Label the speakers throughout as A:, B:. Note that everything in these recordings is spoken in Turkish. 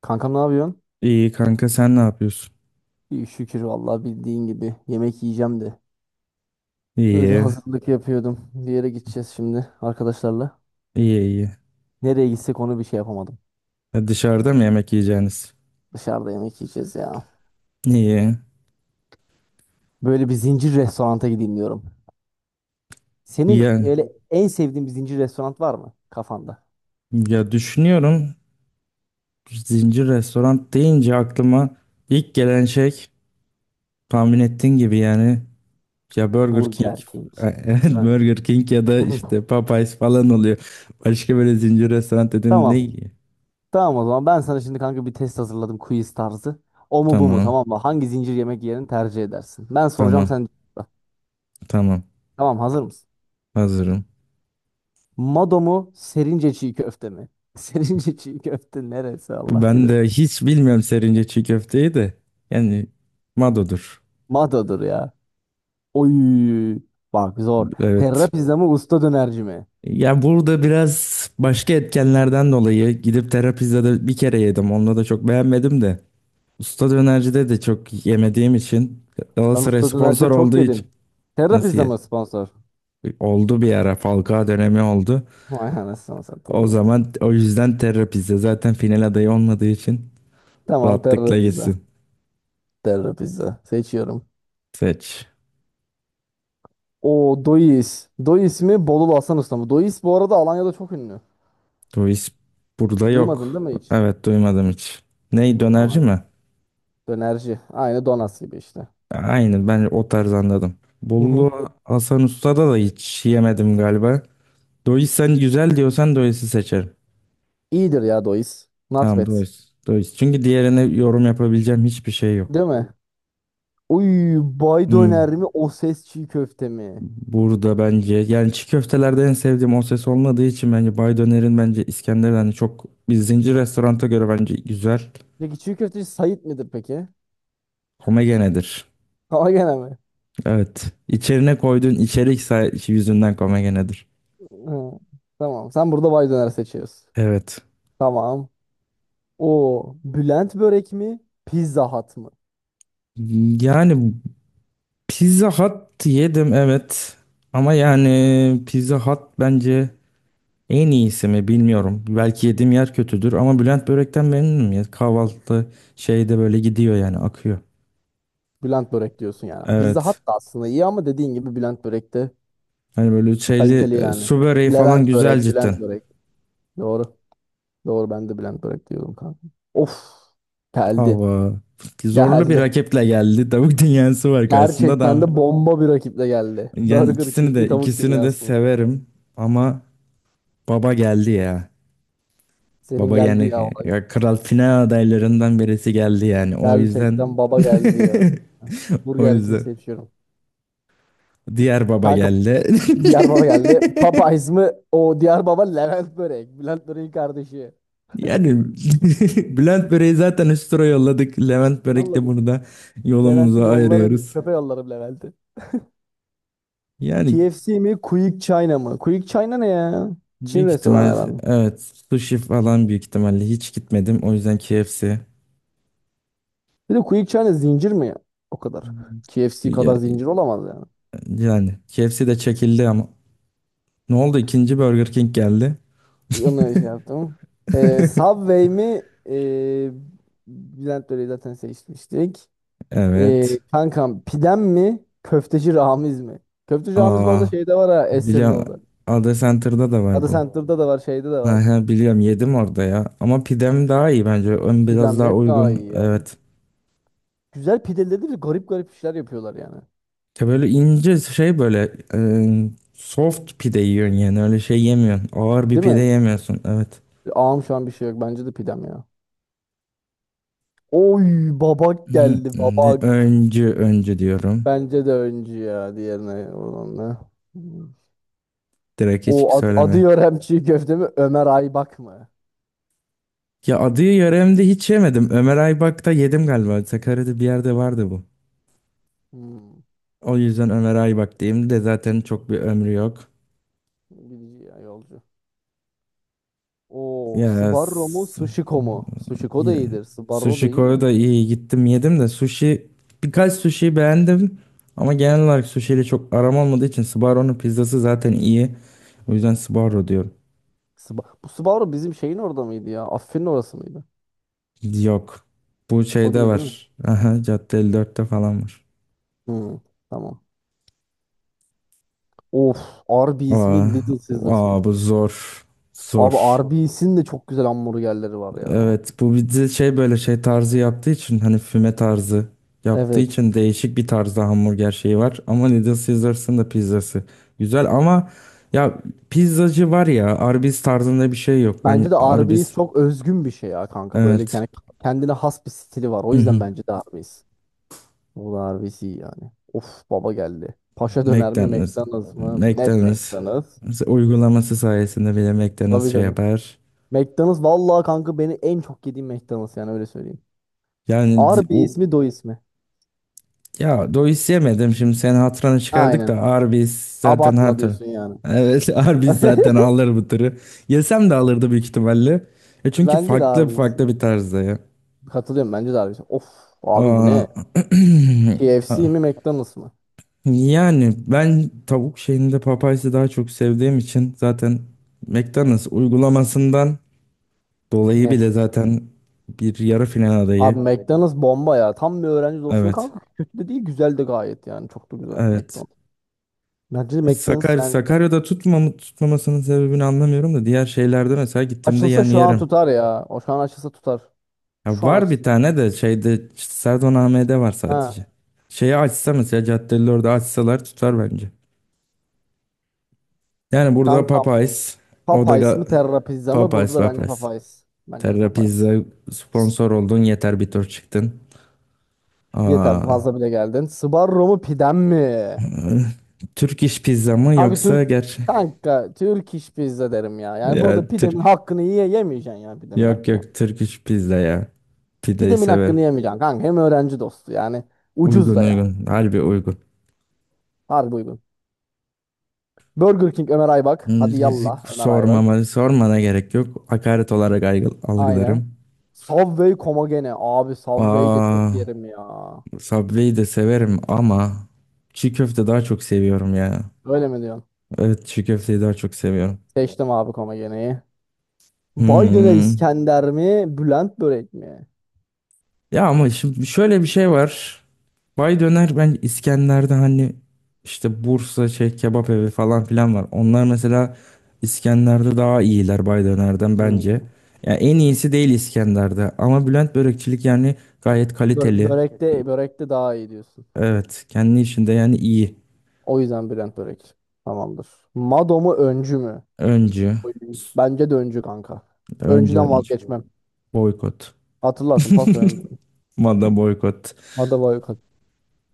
A: Kankam ne yapıyorsun?
B: İyi kanka sen ne yapıyorsun?
A: İyi şükür vallahi bildiğin gibi yemek yiyeceğim de. Öyle
B: İyi,
A: hazırlık yapıyordum. Bir yere gideceğiz şimdi arkadaşlarla.
B: iyi iyi.
A: Nereye gitsek onu bir şey yapamadım.
B: Ya dışarıda mı yemek yiyeceğiniz?
A: Dışarıda yemek yiyeceğiz ya.
B: İyi.
A: Böyle bir zincir restoranta gideyim diyorum. Senin
B: Ya,
A: öyle en sevdiğin bir zincir restoran var mı kafanda?
B: ya düşünüyorum, zincir restoran deyince aklıma ilk gelen şey tahmin ettiğin gibi, yani ya Burger King.
A: Burger King. Değil
B: Evet,
A: mi?
B: Burger King ya da işte Popeyes falan oluyor. Başka böyle zincir restoran dedim, ne
A: Tamam.
B: iyi?
A: Tamam o zaman ben sana şimdi kanka bir test hazırladım quiz tarzı. O mu bu mu
B: Tamam,
A: tamam mı? Hangi zincir yemek yerini tercih edersin? Ben soracağım
B: tamam,
A: sen
B: tamam,
A: tamam hazır mısın?
B: hazırım.
A: Mado mu? Serince çiğ köfte mi? Serince çiğ köfte neresi Allah
B: Ben
A: bilir.
B: de hiç bilmiyorum serince çiğ köfteyi de, yani Mado'dur.
A: Mado'dur ya. Oy. Bak zor. Terra
B: Evet.
A: pizza mı usta dönerci mi?
B: Ya burada biraz başka etkenlerden dolayı gidip terapizde de bir kere yedim. Onunla da çok beğenmedim de. Usta dönercide de çok yemediğim için,
A: Ben
B: Galatasaray
A: usta
B: sponsor
A: dönerci çok
B: olduğu için.
A: yedim. Terra
B: Nasıl
A: pizza
B: ye?
A: mı sponsor?
B: Oldu, bir ara Falcao dönemi oldu.
A: Vay anasını satayım
B: O
A: ya.
B: zaman, o yüzden terapizde zaten final adayı olmadığı için
A: Tamam Terra
B: rahatlıkla
A: pizza.
B: gitsin.
A: Terra pizza. Seçiyorum.
B: Seç.
A: O Dois. Dois mi? Bolulu Hasan Usta mı? Dois bu arada Alanya'da çok ünlü.
B: Bu iş burada
A: Duymadın
B: yok.
A: değil mi hiç?
B: Evet, duymadım hiç. Ney
A: Evet,
B: dönerci
A: Alanya.
B: mi?
A: Dönerci. Aynı Donas gibi işte.
B: Aynen, ben o tarz anladım.
A: Hı hı.
B: Bollu Hasan Usta'da da hiç yemedim galiba. Dois sen güzel diyorsan Dois'i seçerim.
A: İyidir ya Dois. Not
B: Tamam.
A: bad.
B: Dois. Dois. Çünkü diğerine yorum yapabileceğim hiçbir şey yok.
A: Değil mi? Uy bay
B: Hmm,
A: döner mi o ses çiğ köfte mi?
B: Burada bence, yani çiğ köftelerde en sevdiğim o ses olmadığı için, bence Bay Döner'in, bence İskender'den hani çok, bir zincir restoranta göre bence güzel.
A: Peki çiğ köfteci Sait midir peki?
B: Komegenedir.
A: Ama gene mi?
B: Evet. İçerine koyduğun içerik yüzünden komegenedir.
A: Ha, tamam sen burada bay döner seçiyorsun.
B: Evet.
A: Tamam. O Bülent börek mi? Pizza Hut mı?
B: Yani Pizza Hut yedim, evet. Ama yani Pizza Hut bence en iyisi mi bilmiyorum. Belki yediğim yer kötüdür, ama Bülent Börek'ten memnunum ya. Kahvaltı şeyde böyle gidiyor, yani akıyor.
A: Bülent börek diyorsun yani. Pizza Hut
B: Evet.
A: da aslında iyi ama dediğin gibi Bülent börek de
B: Hani böyle şeyli
A: kaliteli yani.
B: su böreği falan
A: Levent
B: güzel
A: börek,
B: cidden.
A: Bülent börek. Doğru. Doğru ben de Bülent börek diyordum kanka. Of. Geldi.
B: Ama zorlu bir
A: Geldi.
B: rakiple geldi. Tavuk dünyası var karşısında
A: Gerçekten
B: da.
A: de bomba bir rakiple geldi.
B: Yani
A: Burger
B: ikisini
A: King mi
B: de
A: tavuk
B: ikisini de
A: dünyası mı?
B: severim ama baba geldi ya.
A: Senin
B: Baba,
A: geldi ya
B: yani
A: olay.
B: ya kral final adaylarından birisi geldi yani. O yüzden
A: Gerçekten baba geldi ya.
B: o
A: Burger King
B: yüzden
A: seçiyorum.
B: diğer baba
A: Kanka
B: geldi.
A: diğer baba geldi. Popeyes mi? O diğer baba Levent Börek. Bülent Börek'in kardeşi.
B: Yani Bülent Börek'i zaten üst tura yolladık. Levent Börek de
A: Yolladık.
B: burada
A: Levent'i
B: yolumuzu
A: yollarım.
B: ayırıyoruz.
A: Çöpe yollarım Levent'i.
B: Yani
A: KFC mi? Quick China mı? Quick China ne ya? Çin
B: büyük
A: restoranı
B: ihtimal,
A: herhalde.
B: evet, sushi falan, büyük ihtimalle hiç gitmedim. O yüzden KFC.
A: Bir de Quick China zincir mi ya? O kadar. KFC
B: Ya-
A: kadar zincir olamaz yani.
B: Yani KFC de çekildi ama. Ne oldu? İkinci Burger King geldi.
A: Onu şey yaptım. Subway mi? Ee, Bülent Börek'i zaten seçmiştik.
B: Evet.
A: Kankam pidem mi? Köfteci Ramiz mi? Köfteci Ramiz bu arada
B: Aa.
A: şeyde var ha Esen'in
B: Biliyorum.
A: orada.
B: Ada Center'da da var
A: Ada
B: bu.
A: Center'da da var şeyde de var.
B: Ha, ha, biliyorum, yedim orada ya. Ama pidem daha iyi bence. Ön
A: Pidem
B: biraz daha
A: net daha
B: uygun.
A: iyi ya.
B: Evet.
A: Güzel pideleri de bir garip garip işler yapıyorlar yani.
B: Ya böyle ince şey, böyle soft pide yiyorsun yani. Öyle şey yemiyorsun. Ağır bir
A: Değil
B: pide
A: mi?
B: yemiyorsun. Evet.
A: Ağam şu an bir şey yok. Bence de pidem ya. Oy babak
B: Hı,
A: geldi
B: Şimdi
A: babak.
B: öncü öncü diyorum.
A: Bence de öncü ya diğerine olan. Hmm.
B: Direkt hiç
A: Adı
B: söyleme.
A: Yörem çiğ köfte mi? Ömer Aybak mı?
B: Ya adı yöremde hiç yemedim. Ömer Aybak'ta yedim galiba. Sakarya'da bir yerde vardı bu.
A: Hmm.
B: O yüzden Ömer Aybak diyeyim, de zaten çok bir ömrü yok.
A: Gidici ya yolcu. O
B: Ya
A: Sbarro mu Sushiko mu? Sushiko da
B: Ya,
A: iyidir. Sbarro da
B: Sushi
A: iyi de.
B: Ko'ya da iyi gittim, yedim de sushi, birkaç sushi beğendim, ama genel olarak sushi ile çok aram olmadığı için, Sbarro'nun pizzası zaten iyi. O yüzden Sbarro diyorum.
A: Bu Sbarro bizim şeyin orada mıydı ya? Affin'in orası mıydı?
B: Yok. Bu
A: O
B: şeyde
A: değil değil mi?
B: var. Aha, Cadde 54'te falan var.
A: Hı, tamam. Of. Arby's
B: Aa,
A: mi Little Caesars
B: aa,
A: mı?
B: bu zor. Zor.
A: Abi Arby's'in de çok güzel hamburgerleri var ya.
B: Evet, bu bizi şey, böyle şey tarzı yaptığı için, hani füme tarzı yaptığı
A: Evet.
B: için, değişik bir tarzda hamburger şeyi var. Ama Little Caesars'ın da pizzası güzel ama, ya pizzacı var ya, Arby's tarzında bir şey yok. Ben
A: Bence de
B: Arby's.
A: Arby's çok özgün bir şey ya kanka. Böyle
B: Evet.
A: yani kendine has bir stili var. O
B: Hı
A: yüzden
B: hı.
A: bence de Arby's. O da Arby's iyi yani. Of baba geldi. Paşa döner mi
B: McDonald's.
A: McDonald's mı? Net
B: McDonald's
A: McDonald's.
B: uygulaması sayesinde bile McDonald's
A: Tabii
B: şey
A: canım.
B: yapar.
A: McDonald's vallahi kanka beni en çok yediğim McDonald's yani öyle söyleyeyim.
B: Yani
A: Arby
B: o.
A: ismi do ismi.
B: Ya Dois yemedim, şimdi senin hatırını çıkardık
A: Aynen.
B: da, Arby's zaten
A: Abartma
B: hatır.
A: diyorsun yani.
B: Evet. Arby's zaten alır bu tırı. Yesem de alırdı büyük ihtimalle. E çünkü
A: Bence de
B: farklı
A: Arby bir isim.
B: farklı bir tarzda ya.
A: Katılıyorum bence de Arby bir isim. Of abi bu
B: Aa,
A: ne? KFC
B: ah,
A: mi McDonald's mı?
B: yani ben tavuk şeyinde Popeyes'i daha çok sevdiğim için, zaten McDonald's uygulamasından dolayı bile,
A: Net.
B: zaten bir yarı final
A: Abi
B: adayı.
A: McDonald's bomba ya. Tam bir öğrenci dostu ve
B: Evet.
A: kanka kötü de değil güzel de gayet yani. Çok da güzel
B: Evet.
A: McDonald's. Bence de McDonald's yani
B: Sakarya'da tutmamasının sebebini anlamıyorum da, diğer şeylerde mesela gittiğimde
A: açılsa
B: yani
A: şu an
B: yerim.
A: tutar ya. O şu an açılsa tutar.
B: Ya
A: Şu an
B: var bir
A: açılsa.
B: tane de şeyde, işte Serdaname'de var
A: Ha.
B: sadece. Şeyi açsa, mesela caddeleri orada açsalar tutar bence. Yani burada
A: Kanka
B: Popeyes, o da
A: Popeyes mi
B: ga-
A: Terra Pizza mı? Burada
B: Popeyes,
A: da bence
B: Popeyes.
A: Popeyes. Bence de
B: Terra Pizza
A: Popeyes.
B: sponsor oldun, yeter, bir tur çıktın.
A: Yeter
B: Aa,
A: fazla bile geldin. Sbarro mu pidem mi?
B: Türk iş pizza mı
A: Kanka Türk
B: yoksa
A: hangi? Kanka Türk iş pizza derim ya. Yani burada
B: Ya
A: pidemin
B: Türk,
A: hakkını yemeyeceksin ya pidemin
B: yok
A: hakkını.
B: yok, Türk iş pizza ya. Pideyi
A: Pidemin
B: sever.
A: hakkını yemeyeceksin kanka. Hem öğrenci dostu yani. Ucuz
B: Uygun,
A: da ya.
B: uygun. Harbi uygun.
A: Harbi uygun. Burger King Ömer Aybak. Hadi yallah Ömer Aybak.
B: Sormana gerek yok. Hakaret olarak
A: Aynen.
B: algılarım.
A: Subway Komagene. Abi Subway de
B: Aa,
A: çok yerim ya.
B: Subway'i de severim ama çiğ köfte daha çok seviyorum ya.
A: Öyle mi diyorsun?
B: Evet, çiğ köfteyi daha çok seviyorum.
A: Seçtim abi Komagene'yi. Baydöner
B: Hmm.
A: İskender mi? Bülent börek mi?
B: Ya ama şimdi şöyle bir şey var. Bay Döner, ben İskender'de hani işte Bursa şey kebap evi falan filan var. Onlar mesela İskender'de daha iyiler Bay Döner'den bence.
A: Hmm.
B: Yani en iyisi değil İskender'de, ama Bülent Börekçilik yani gayet kaliteli.
A: Börekte daha iyi diyorsun.
B: Evet. Kendi işinde yani iyi.
A: O yüzden Brent Brake. Tamamdır. Mado mu öncü mü?
B: Öncü.
A: Oy. Bence de öncü kanka.
B: Önce
A: Öncüden
B: öncü.
A: vazgeçmem.
B: Boykot.
A: Hatırlarsın paso öncü.
B: Moda boykot.
A: Mado var yok.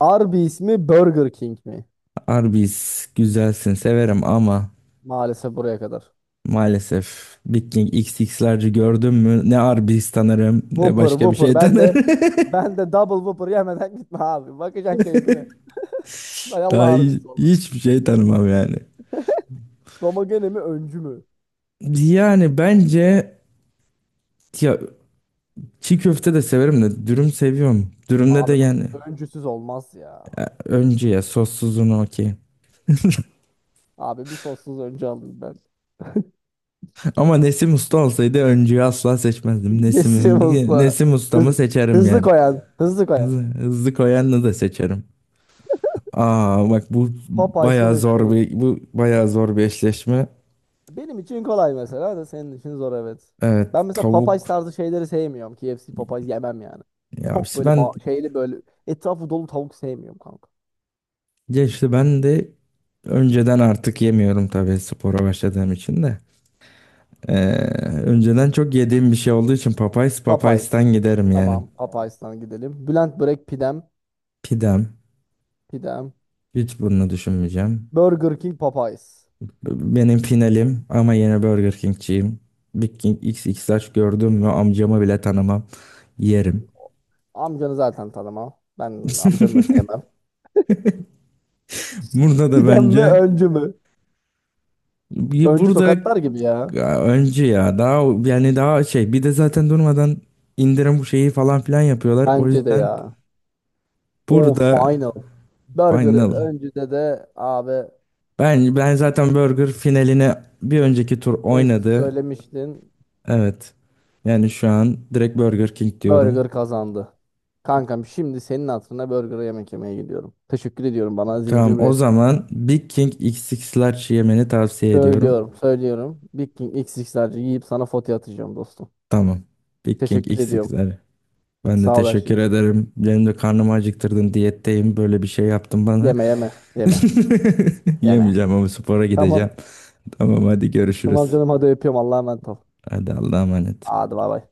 A: Arby's mi Burger King mi?
B: Arby's güzelsin, severim ama
A: Maalesef buraya kadar.
B: maalesef Big King XX'lerci gördüm mü, ne Arby's tanırım ne
A: Whopper
B: başka bir
A: Whopper
B: şey
A: ben de
B: tanırım.
A: ben de double Whopper yemeden gitme abi. Bakacaksın keyfine. Hay
B: Daha
A: Allah Arby's valla.
B: hiçbir şey tanımam yani.
A: Domagene mi öncü mü?
B: Yani bence, ya çiğ köfte de severim de, dürüm seviyorum. Dürümde de
A: Abi ko-
B: yani
A: öncüsüz olmaz ya.
B: öncü, ya sossuzunu okey.
A: Abi bir sossuz öncü aldım ben.
B: Ama Nesim Usta olsaydı öncüyü asla seçmezdim.
A: Nesim usta.
B: Nesim Usta'mı
A: Hız-
B: seçerim
A: hızlı
B: yani.
A: koyan. Hızlı koyan.
B: Hızlı, hızlı koyanını da seçerim. Aa, bak, bu
A: Popeyes mi
B: bayağı zor
A: McDonald's mı?
B: bir, eşleşme.
A: Benim için kolay mesela da senin için zor evet.
B: Evet,
A: Ben mesela
B: tavuk.
A: Popeyes tarzı şeyleri sevmiyorum. KFC Popeyes yemem yani.
B: Ya
A: Çok
B: işte
A: böyle
B: ben
A: ba- şeyli böyle etrafı dolu tavuk sevmiyorum kanka.
B: ya işte ben de önceden artık yemiyorum, tabii spora başladığım için de. Ee, önceden çok yediğim bir şey olduğu için, Popeyes
A: Popeyes.
B: Popeyes'ten giderim yani.
A: Tamam Popeyes'tan gidelim. Bülent Börek pidem.
B: Pidem.
A: Pidem.
B: Hiç bunu düşünmeyeceğim.
A: Burger King Popeyes.
B: Benim finalim ama, yine Burger King'ciyim. Big King X X XXL gördüm mü amcamı bile tanımam. Yerim.
A: Amcanı zaten tanımam. Ben amcanı da sevmem.
B: Burada da
A: Pidem mi
B: bence,
A: öncü mü? Öncü
B: burada
A: tokatlar gibi ya.
B: ya önce ya daha, yani daha şey, bir de zaten durmadan indirim bu şeyi falan filan yapıyorlar. O
A: Bence de
B: yüzden
A: ya. O
B: burada
A: final. Burger
B: final.
A: öncüde de abi
B: Ben zaten Burger finaline bir önceki tur
A: önce
B: oynadı.
A: söylemiştin.
B: Evet. Yani şu an direkt Burger King
A: Burger
B: diyorum.
A: kazandı. Kankam şimdi senin hatırına burger yemek yemeye gidiyorum. Teşekkür ediyorum bana
B: Tamam,
A: zincir bir
B: o
A: restoran.
B: zaman Big King X X Large yemeni tavsiye ediyorum.
A: Söylüyorum, söylüyorum. Big King XX'lerce yiyip sana fotoğraf atacağım dostum.
B: Tamam. Big King
A: Teşekkür ediyorum.
B: X8'ler. Ben de
A: Sağ ol her şey
B: teşekkür
A: için.
B: ederim. Benim de karnımı acıktırdın. Diyetteyim. Böyle bir şey yaptın bana.
A: Yeme yeme yeme yeme.
B: Yemeyeceğim ama spora gideceğim.
A: Tamam.
B: Tamam, hadi görüşürüz.
A: Tamam canım hadi öpüyorum. Allah'a emanet ol.
B: Hadi Allah'a emanet.
A: Hadi bay bay.